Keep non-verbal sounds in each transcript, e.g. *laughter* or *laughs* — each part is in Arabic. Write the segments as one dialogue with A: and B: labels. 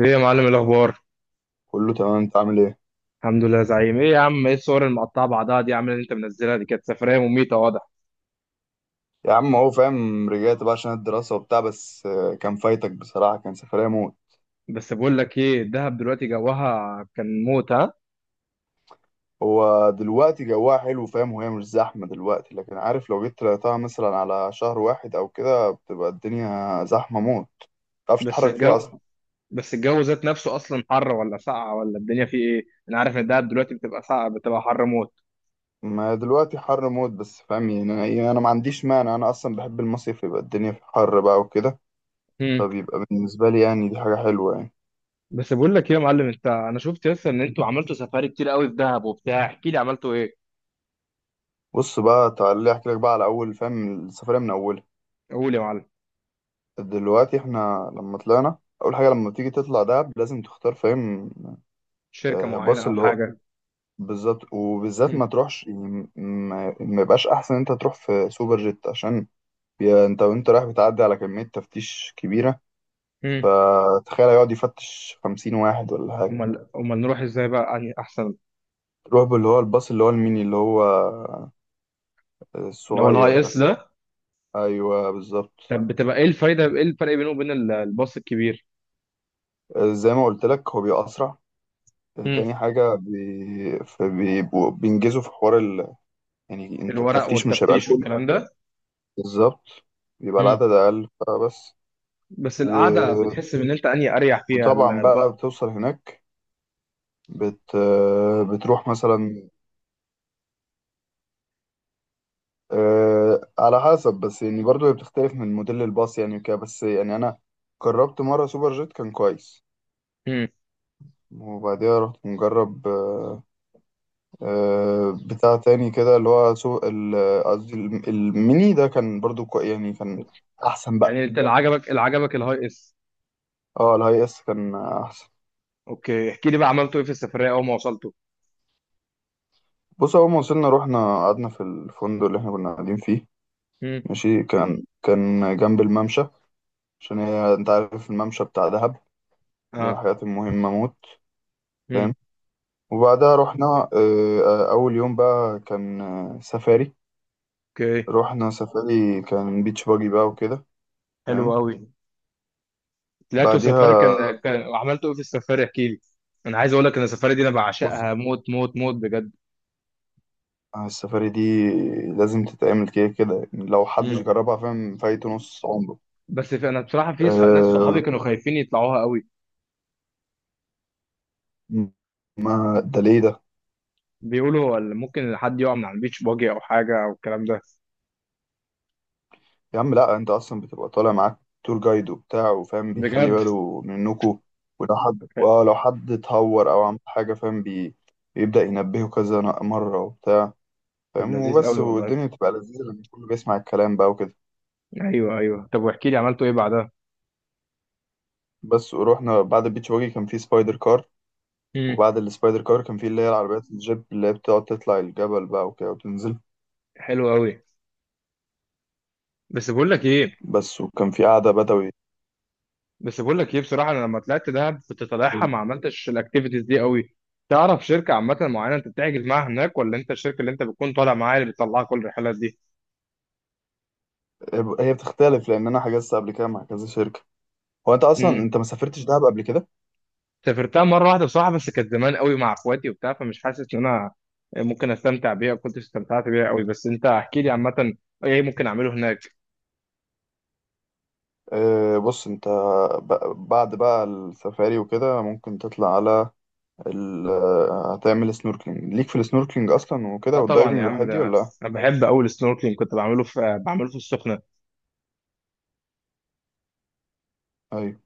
A: ايه يا معلم الاخبار؟
B: كله تمام، انت عامل ايه؟
A: الحمد لله يا زعيم. ايه يا عم، ايه الصور المقطعه بعضها دي يا عم اللي انت منزلها دي؟ كانت سفريه مميته واضح.
B: يا عم هو فاهم رجعت بقى عشان الدراسة وبتاع بس كان فايتك بصراحة، كان سفرية موت.
A: بس بقول لك ايه، الدهب دلوقتي جوها كان موت، ها؟
B: هو دلوقتي جواها حلو فاهم، وهي مش زحمة دلوقتي، لكن عارف لو جيت طلعتها مثلا على شهر واحد او كده بتبقى الدنيا زحمة موت، متعرفش
A: بس
B: تتحرك فيها
A: الجو
B: اصلا.
A: بس الجو ذات نفسه اصلا، حر ولا ساقعه ولا الدنيا فيه ايه؟ انا عارف ان الدهب دلوقتي بتبقى ساقعه بتبقى حر موت.
B: ما دلوقتي حر موت بس فاهم، يعني انا ما عنديش مانع، انا اصلا بحب المصيف يبقى الدنيا في حر بقى وكده.
A: هم.
B: فبيبقى بالنسبة لي يعني دي حاجة حلوة يعني.
A: بس بقول لك ايه يا معلم. انت انا شفت لسه ان انتوا عملتوا سفاري كتير قوي في دهب وبتاع. احكي لي عملتوا ايه؟
B: بص بقى تعالى احكي لك بقى على اول فاهم السفرية من اولها.
A: قول يا معلم.
B: دلوقتي احنا لما طلعنا اول حاجه لما تيجي تطلع دهب لازم تختار فاهم.
A: شركه
B: باص
A: معينه او
B: اللي هو
A: حاجه؟
B: بالظبط، وبالذات
A: هم.
B: ما تروحش يعني ما يبقاش احسن انت تروح في سوبر جيت، عشان يا انت وانت رايح بتعدي على كميه تفتيش كبيره،
A: هم.
B: فتخيل يقعد يفتش خمسين واحد ولا حاجه.
A: امال امال نروح ازاي بقى يعني احسن؟
B: تروح باللي هو الباص اللي هو الميني اللي هو
A: لو
B: الصغير
A: الهاي
B: ده.
A: اس ده؟
B: ايوه بالظبط.
A: طب بتبقى ايه الفايده، ايه الفرق بينه وبين الباص الكبير؟
B: زي ما قلت لك هو بيبقى اسرع.
A: امم.
B: تاني حاجه فبيبقوا بينجزوا في حوار، يعني انت
A: الورق
B: التفتيش مش هيبقى
A: والتفتيش
B: الكل.
A: والكلام ده.
B: بالظبط، بيبقى
A: امم.
B: العدد أقل فبس.
A: بس
B: و...
A: القعده بتحس ان انت اني اريح فيها
B: وطبعا بقى بتوصل هناك، بت... بتروح مثلا على حسب، بس يعني برضو هي بتختلف من موديل الباص يعني وكده، بس يعني أنا جربت مرة سوبر جيت كان كويس.
A: امم.
B: وبعديها رحت مجرب بتاع تاني كده اللي هو قصدي الميني ده كان برضو يعني كان أحسن بقى.
A: يعني انت اللي عجبك الهاي اس؟
B: اه الهاي اس كان أحسن.
A: اوكي، احكي لي بقى عملته ايه في السفريه اول ما وصلته؟
B: بص اول ما وصلنا رحنا قعدنا في الفندق اللي احنا كنا قاعدين فيه
A: امم.
B: ماشي، كان جنب الممشى، عشان هي انت عارف الممشى بتاع دهب دي من
A: اه.
B: الحاجات المهمة موت
A: امم.
B: فاهم. وبعدها رحنا اول يوم بقى كان سفاري.
A: اوكي.
B: رحنا سفاري كان بيتش باجي بقى وكده
A: حلو
B: فاهم.
A: قوي. طلعتوا سفاري،
B: بعديها
A: كان عملتوا ايه في السفاري؟ احكي لي. انا عايز اقول لك ان السفاري دي انا
B: بص
A: بعشقها موت موت موت بجد.
B: السفاري دي لازم تتعمل كده كده يعني، لو حدش
A: امم.
B: جربها فاهم فايته نص عمره.
A: بس في انا بصراحه، في ناس صحابي
B: أه
A: كانوا خايفين يطلعوها قوي.
B: ما ده ليه ده.
A: بيقولوا هو اللي ممكن حد يقع من على البيتش باجي او حاجه او الكلام ده.
B: يا عم لا، انت اصلا بتبقى طالع معاك تور جايد وبتاع، وفاهم بيخلي
A: بجد؟
B: باله منكو. ولو حد اه لو حد اتهور او عمل حاجه فاهم بيبدا ينبهه كذا مره وبتاع
A: طب
B: فاهم
A: لذيذ
B: وبس.
A: قوي والله.
B: والدنيا بتبقى لذيذه لما كله بيسمع الكلام بقى وكده.
A: ايوه، ايوه، طب واحكي لي عملتوا ايه بعدها؟
B: بس ورحنا بعد البيتش واجي كان في سبايدر كار،
A: امم.
B: وبعد السبايدر كار كان في اللي هي العربيات الجيب اللي هي بتقعد تطلع الجبل بقى وكده وتنزل.
A: حلو قوي. بس بقول لك ايه
B: بس وكان في قعده بدوي.
A: بس بقول لك ايه بصراحه، انا لما طلعت دهب كنت طالعها ما عملتش الاكتيفيتيز دي قوي. تعرف شركه عامه معينه انت بتحجز معاها هناك، ولا انت الشركه اللي انت بتكون طالع معاها اللي بتطلعها كل الرحلات؟
B: هي بتختلف لان انا حجزت قبل كده مع كذا شركه. هو انت
A: دي
B: اصلا انت ما سافرتش دهب قبل كده.
A: سافرتها مرة واحدة بصراحة، بس كانت زمان قوي مع اخواتي وبتاع، فمش حاسس ان انا ممكن استمتع بيها. كنت استمتعت بيها قوي. بس انت احكي لي عامة، ايه ممكن اعمله هناك؟
B: أه بص انت بعد بقى السفاري وكده ممكن تطلع على ال هتعمل سنوركلينج، ليك في السنوركلينج اصلا
A: اه
B: وكده
A: طبعا
B: والدايفنج
A: يا عم
B: والحاجات دي
A: ده،
B: ولا لأ؟
A: انا بحب قوي السنوركلينج، كنت بعمله في السخنة.
B: ايوه.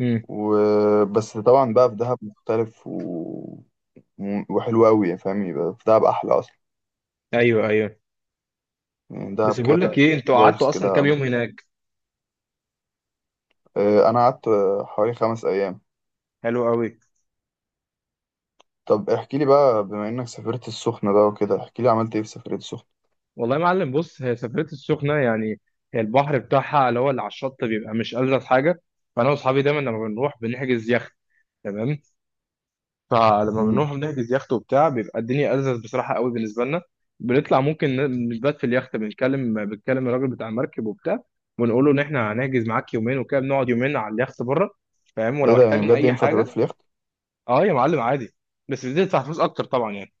A: امم.
B: وبس طبعا بقى في دهب مختلف وحلو قوي يعني، فاهم يبقى في دهب احلى اصلا.
A: ايوه ايوه.
B: يعني دهب
A: بس
B: كده
A: بقول لك ايه، انتوا
B: فايبس
A: قعدتوا اصلا كام
B: كده.
A: يوم هناك؟
B: أه انا قعدت حوالي خمس ايام.
A: حلو قوي.
B: طب احكي لي بقى بما انك سافرت السخنة بقى وكده احكي لي عملت ايه في سفرية السخنة.
A: والله يا معلم، بص هي سفرية السخنة يعني. هي البحر بتاعها اللي هو اللي على الشط بيبقى مش ألذ حاجة. فانا واصحابي دايما لما بنروح بنحجز يخت. تمام. فلما
B: امم،
A: بنروح بنحجز يخت وبتاع بيبقى الدنيا ألذذ بصراحة قوي بالنسبة لنا. بنطلع ممكن نبات في اليخت، بنتكلم الراجل بتاع المركب وبتاع، ونقول له إن إحنا هنحجز معاك يومين وكده، بنقعد يومين على اليخت بره، فاهم،
B: ايه
A: ولو
B: ده يعني
A: احتاجنا
B: بجد
A: أي
B: ينفع تبات في
A: حاجة.
B: اليخت؟
A: أه يا معلم عادي. بس بتدفع فلوس أكتر طبعا يعني.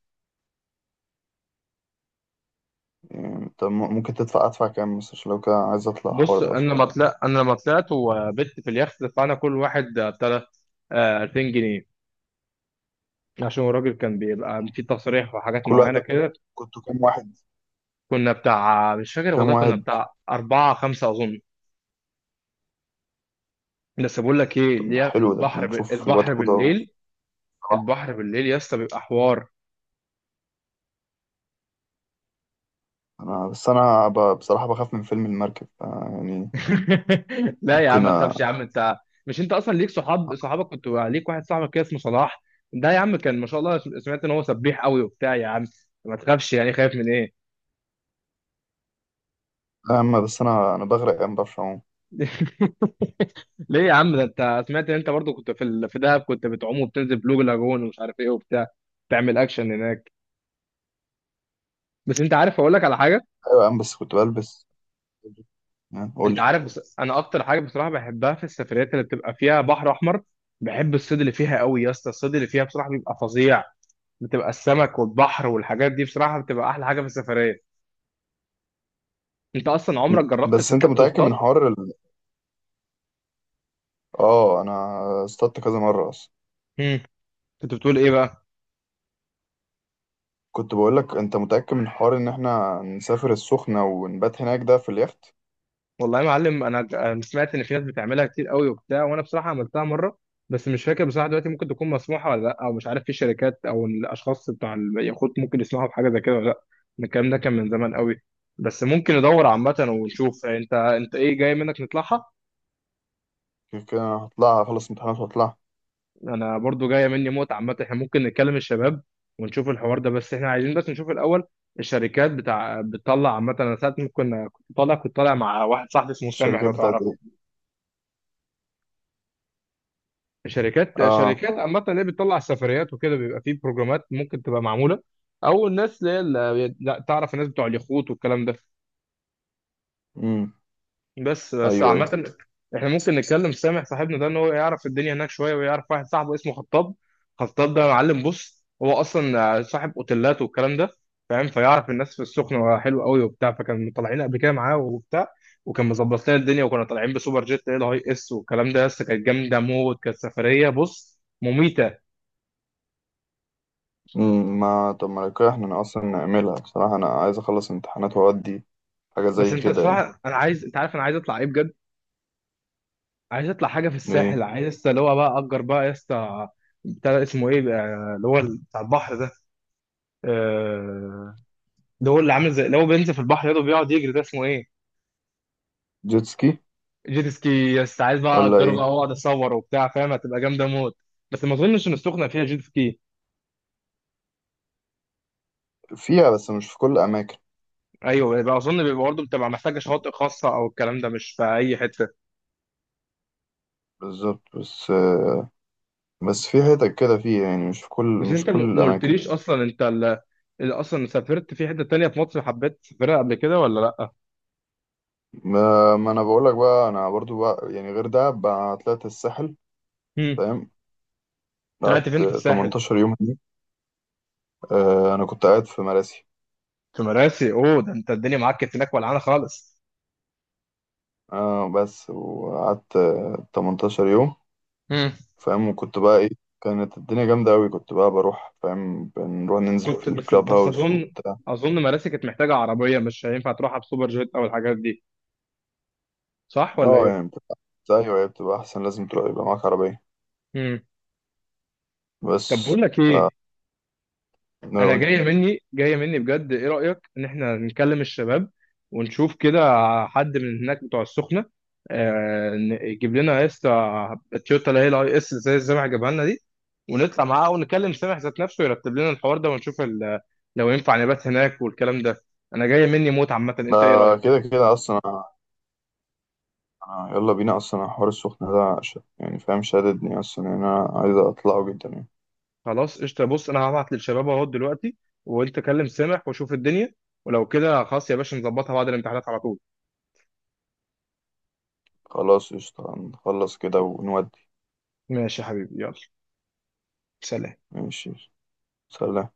B: يعني طب ممكن تدفع ادفع كام مثلا عشان لو كده عايز اطلع الحوار
A: بص
B: ده اصلا.
A: أنا لما طلعت وبت في اليخت، دفعنا كل واحد بتاع ده، 2000 جنيه، عشان الراجل كان بيبقى في تصريح وحاجات
B: كل وقت
A: معينة كده.
B: كنتوا كام واحد؟
A: كنا بتاع مش
B: كنتوا
A: فاكر
B: كام
A: والله، كنا
B: واحد؟
A: بتاع أربعة خمسة أظن. بس بقول لك ايه
B: طب
A: اللي هي
B: حلو ده احنا نشوف الواد
A: البحر
B: حوده
A: بالليل. البحر بالليل يا اسطى بيبقى حوار.
B: انا بس بصراحه بخاف من فيلم المركب آه يعني،
A: *laughs* لا يا عم
B: ممكن
A: ما تخافش يا
B: أ-
A: عم انت. مش انت اصلا ليك صحابك، كنت ليك واحد صاحبك كده اسمه صلاح. ده يا عم كان ما شاء الله، سمعت ان هو سبيح قوي وبتاع يا عم. ما تخافش يعني، خايف من ايه؟
B: اما بس انا بغرق يا عم، بعرفش اعوم.
A: *laughs* ليه يا عم ده، انت سمعت ان انت برضو كنت في في دهب، كنت بتعوم وبتنزل بلو لاجون ومش عارف ايه وبتاع، تعمل اكشن هناك. بس انت عارف اقول لك على حاجه؟
B: ايوه يا عم بس كنت بلبس يعني قول
A: انت
B: لي.
A: عارف، بس انا اكتر حاجه بصراحه بحبها في السفريات اللي بتبقى فيها بحر احمر، بحب الصيد اللي فيها قوي يا اسطى. الصيد اللي فيها بصراحه بيبقى فظيع. بتبقى السمك والبحر والحاجات دي بصراحه بتبقى احلى حاجه في السفريه. انت اصلا عمرك جربت
B: بس انت
A: سافرت
B: متاكد من
A: اصطاد؟
B: حوار اه انا اصطدت كذا مره اصلا.
A: امم. كنت بتقول ايه بقى؟
B: كنت بقول لك انت متاكد من حوار ان احنا نسافر السخنه ونبات هناك ده في اليخت.
A: والله يا معلم، أنا سمعت ان في ناس بتعملها كتير قوي وبتاع، وانا بصراحه عملتها مره. بس مش فاكر بصراحه دلوقتي ممكن تكون مسموحه ولا لا، او مش عارف في شركات او الاشخاص بتوع اليخوت ممكن يسمعوا بحاجه زي كده ولا لا. الكلام ده كان من زمان قوي. بس ممكن ندور عامه ونشوف، انت ايه جاي منك نطلعها.
B: كده كده أنا هطلع اخلص امتحانات واطلع.
A: انا برضو جايه مني موت عامه، احنا ممكن نتكلم الشباب ونشوف الحوار ده، بس احنا عايزين بس نشوف الاول الشركات بتاع بتطلع عامه. انا ساعات ممكن كنت طالع مع واحد صاحبي اسمه سامح،
B: الشركات
A: لو
B: بتاعت
A: تعرفه.
B: ايه؟
A: شركات
B: اه.
A: شركات عامة اللي هي بتطلع السفريات وكده بيبقى فيه بروجرامات ممكن تبقى معمولة، أو الناس اللي هي، لا تعرف الناس بتوع اليخوت والكلام ده،
B: امم.
A: بس
B: ايوه ايوه.
A: عامة. احنا ممكن نتكلم سامح صاحبنا ده إن هو يعرف الدنيا هناك شوية، ويعرف واحد صاحبه اسمه خطاب. خطاب ده معلم، بص هو أصلا صاحب أوتيلات والكلام ده، فاهم، فيعرف الناس في السخنة حلو قوي وبتاع، فكان طالعين قبل كده معاه وبتاع، وكان مظبط لنا الدنيا، وكنا طالعين بسوبر جيت اللي هي الهاي اس والكلام ده، بس كانت جامدة موت. كانت سفرية بص مميتة.
B: ما طب ما لو كده احنا أنا اصلا نعملها بصراحه، انا عايز اخلص امتحانات واودي حاجه
A: بس
B: زي
A: انت كده بقى
B: كده يعني.
A: الصراحه، انا عايز، انت عارف انا عايز اطلع ايه بجد؟ عايز اطلع حاجه في الساحل،
B: ايه،
A: عايز لسه اللي هو بقى اجر بقى يا اسطى، بتاع ده اسمه ايه بقى، اللي هو بتاع البحر ده، آه، اللي هو اللي عامل زي اللي هو بينزل في البحر يده بيقعد يجري، ده اسمه ايه؟
B: جيت سكي
A: جيت سكي يا اسطى، عايز بقى
B: ولا
A: اجره
B: ايه؟
A: بقى واقعد اصور وبتاع فاهم، هتبقى جامده موت. بس ما اظنش ان السخنه فيها جيت سكي.
B: فيها بس مش في كل الاماكن.
A: ايوه، يبقى اظن بيبقى برضه بتبقى محتاجه شواطئ خاصه او الكلام ده، مش في اي حته.
B: بالظبط بس، في حتت كده فيها يعني،
A: بس
B: مش في
A: انت
B: كل
A: ما
B: الاماكن.
A: قلتليش اصلا، انت اللي اصلا سافرت في حته تانيه في مصر حبيت تسافرها قبل كده ولا لا؟
B: ما انا بقول لك بقى انا برضو بقى يعني غير ده بقى طلعت الساحل فاهم.
A: طلعت
B: قعدت
A: فين في الساحل؟
B: 18 يوم هناك. آه انا كنت قاعد في مراسي.
A: في مراسي؟ اوه، ده انت الدنيا معاك كانت هناك ولعانه خالص.
B: آه بس وقعدت 18 يوم
A: امم.
B: فاهم. وكنت بقى ايه، كانت الدنيا جامدة أوي، كنت بقى بروح فاهم بنروح ننزل في
A: كنت بس
B: الكلاب
A: بس
B: هاوس
A: اظن،
B: وبتاع.
A: اظن مراسي كانت محتاجه عربيه، مش هينفع تروحها بسوبر جيت او الحاجات دي، صح ولا
B: اه
A: ايه؟
B: يعني بتبقى أيوة هي بتبقى أحسن، لازم تروح يبقى معاك عربية
A: امم. طب
B: بس.
A: بقول لك ايه،
B: أنا
A: انا
B: أقول إيه؟
A: جايه مني جايه مني بجد، ايه رايك ان احنا نكلم الشباب ونشوف كده حد من هناك بتوع السخنه، يجيب لنا يا اسطى التويوتا اللي هي الاي اس زي سامح جابها لنا دي، ونطلع معاه، ونكلم سامح ذات نفسه يرتب لنا الحوار ده، ونشوف لو ينفع نبات هناك والكلام ده. انا جايه مني موت عامه،
B: ده
A: انت ايه رايك؟
B: كده كده أصلا أنا، أنا يلا بينا أصلا أنا حوار السخنة ده يعني فاهم شاددني أصلا يعني، أنا عايز أطلعه جدا يعني.
A: خلاص قشطه، بص انا هبعت للشباب اهو دلوقتي، وانت كلم سامح وشوف الدنيا، ولو كده خلاص يا باشا، نظبطها بعد الامتحانات على طول.
B: خلاص قشطة نخلص كده ونودي.
A: ماشي يا حبيبي، يلا، سلام.
B: ماشي، سلام.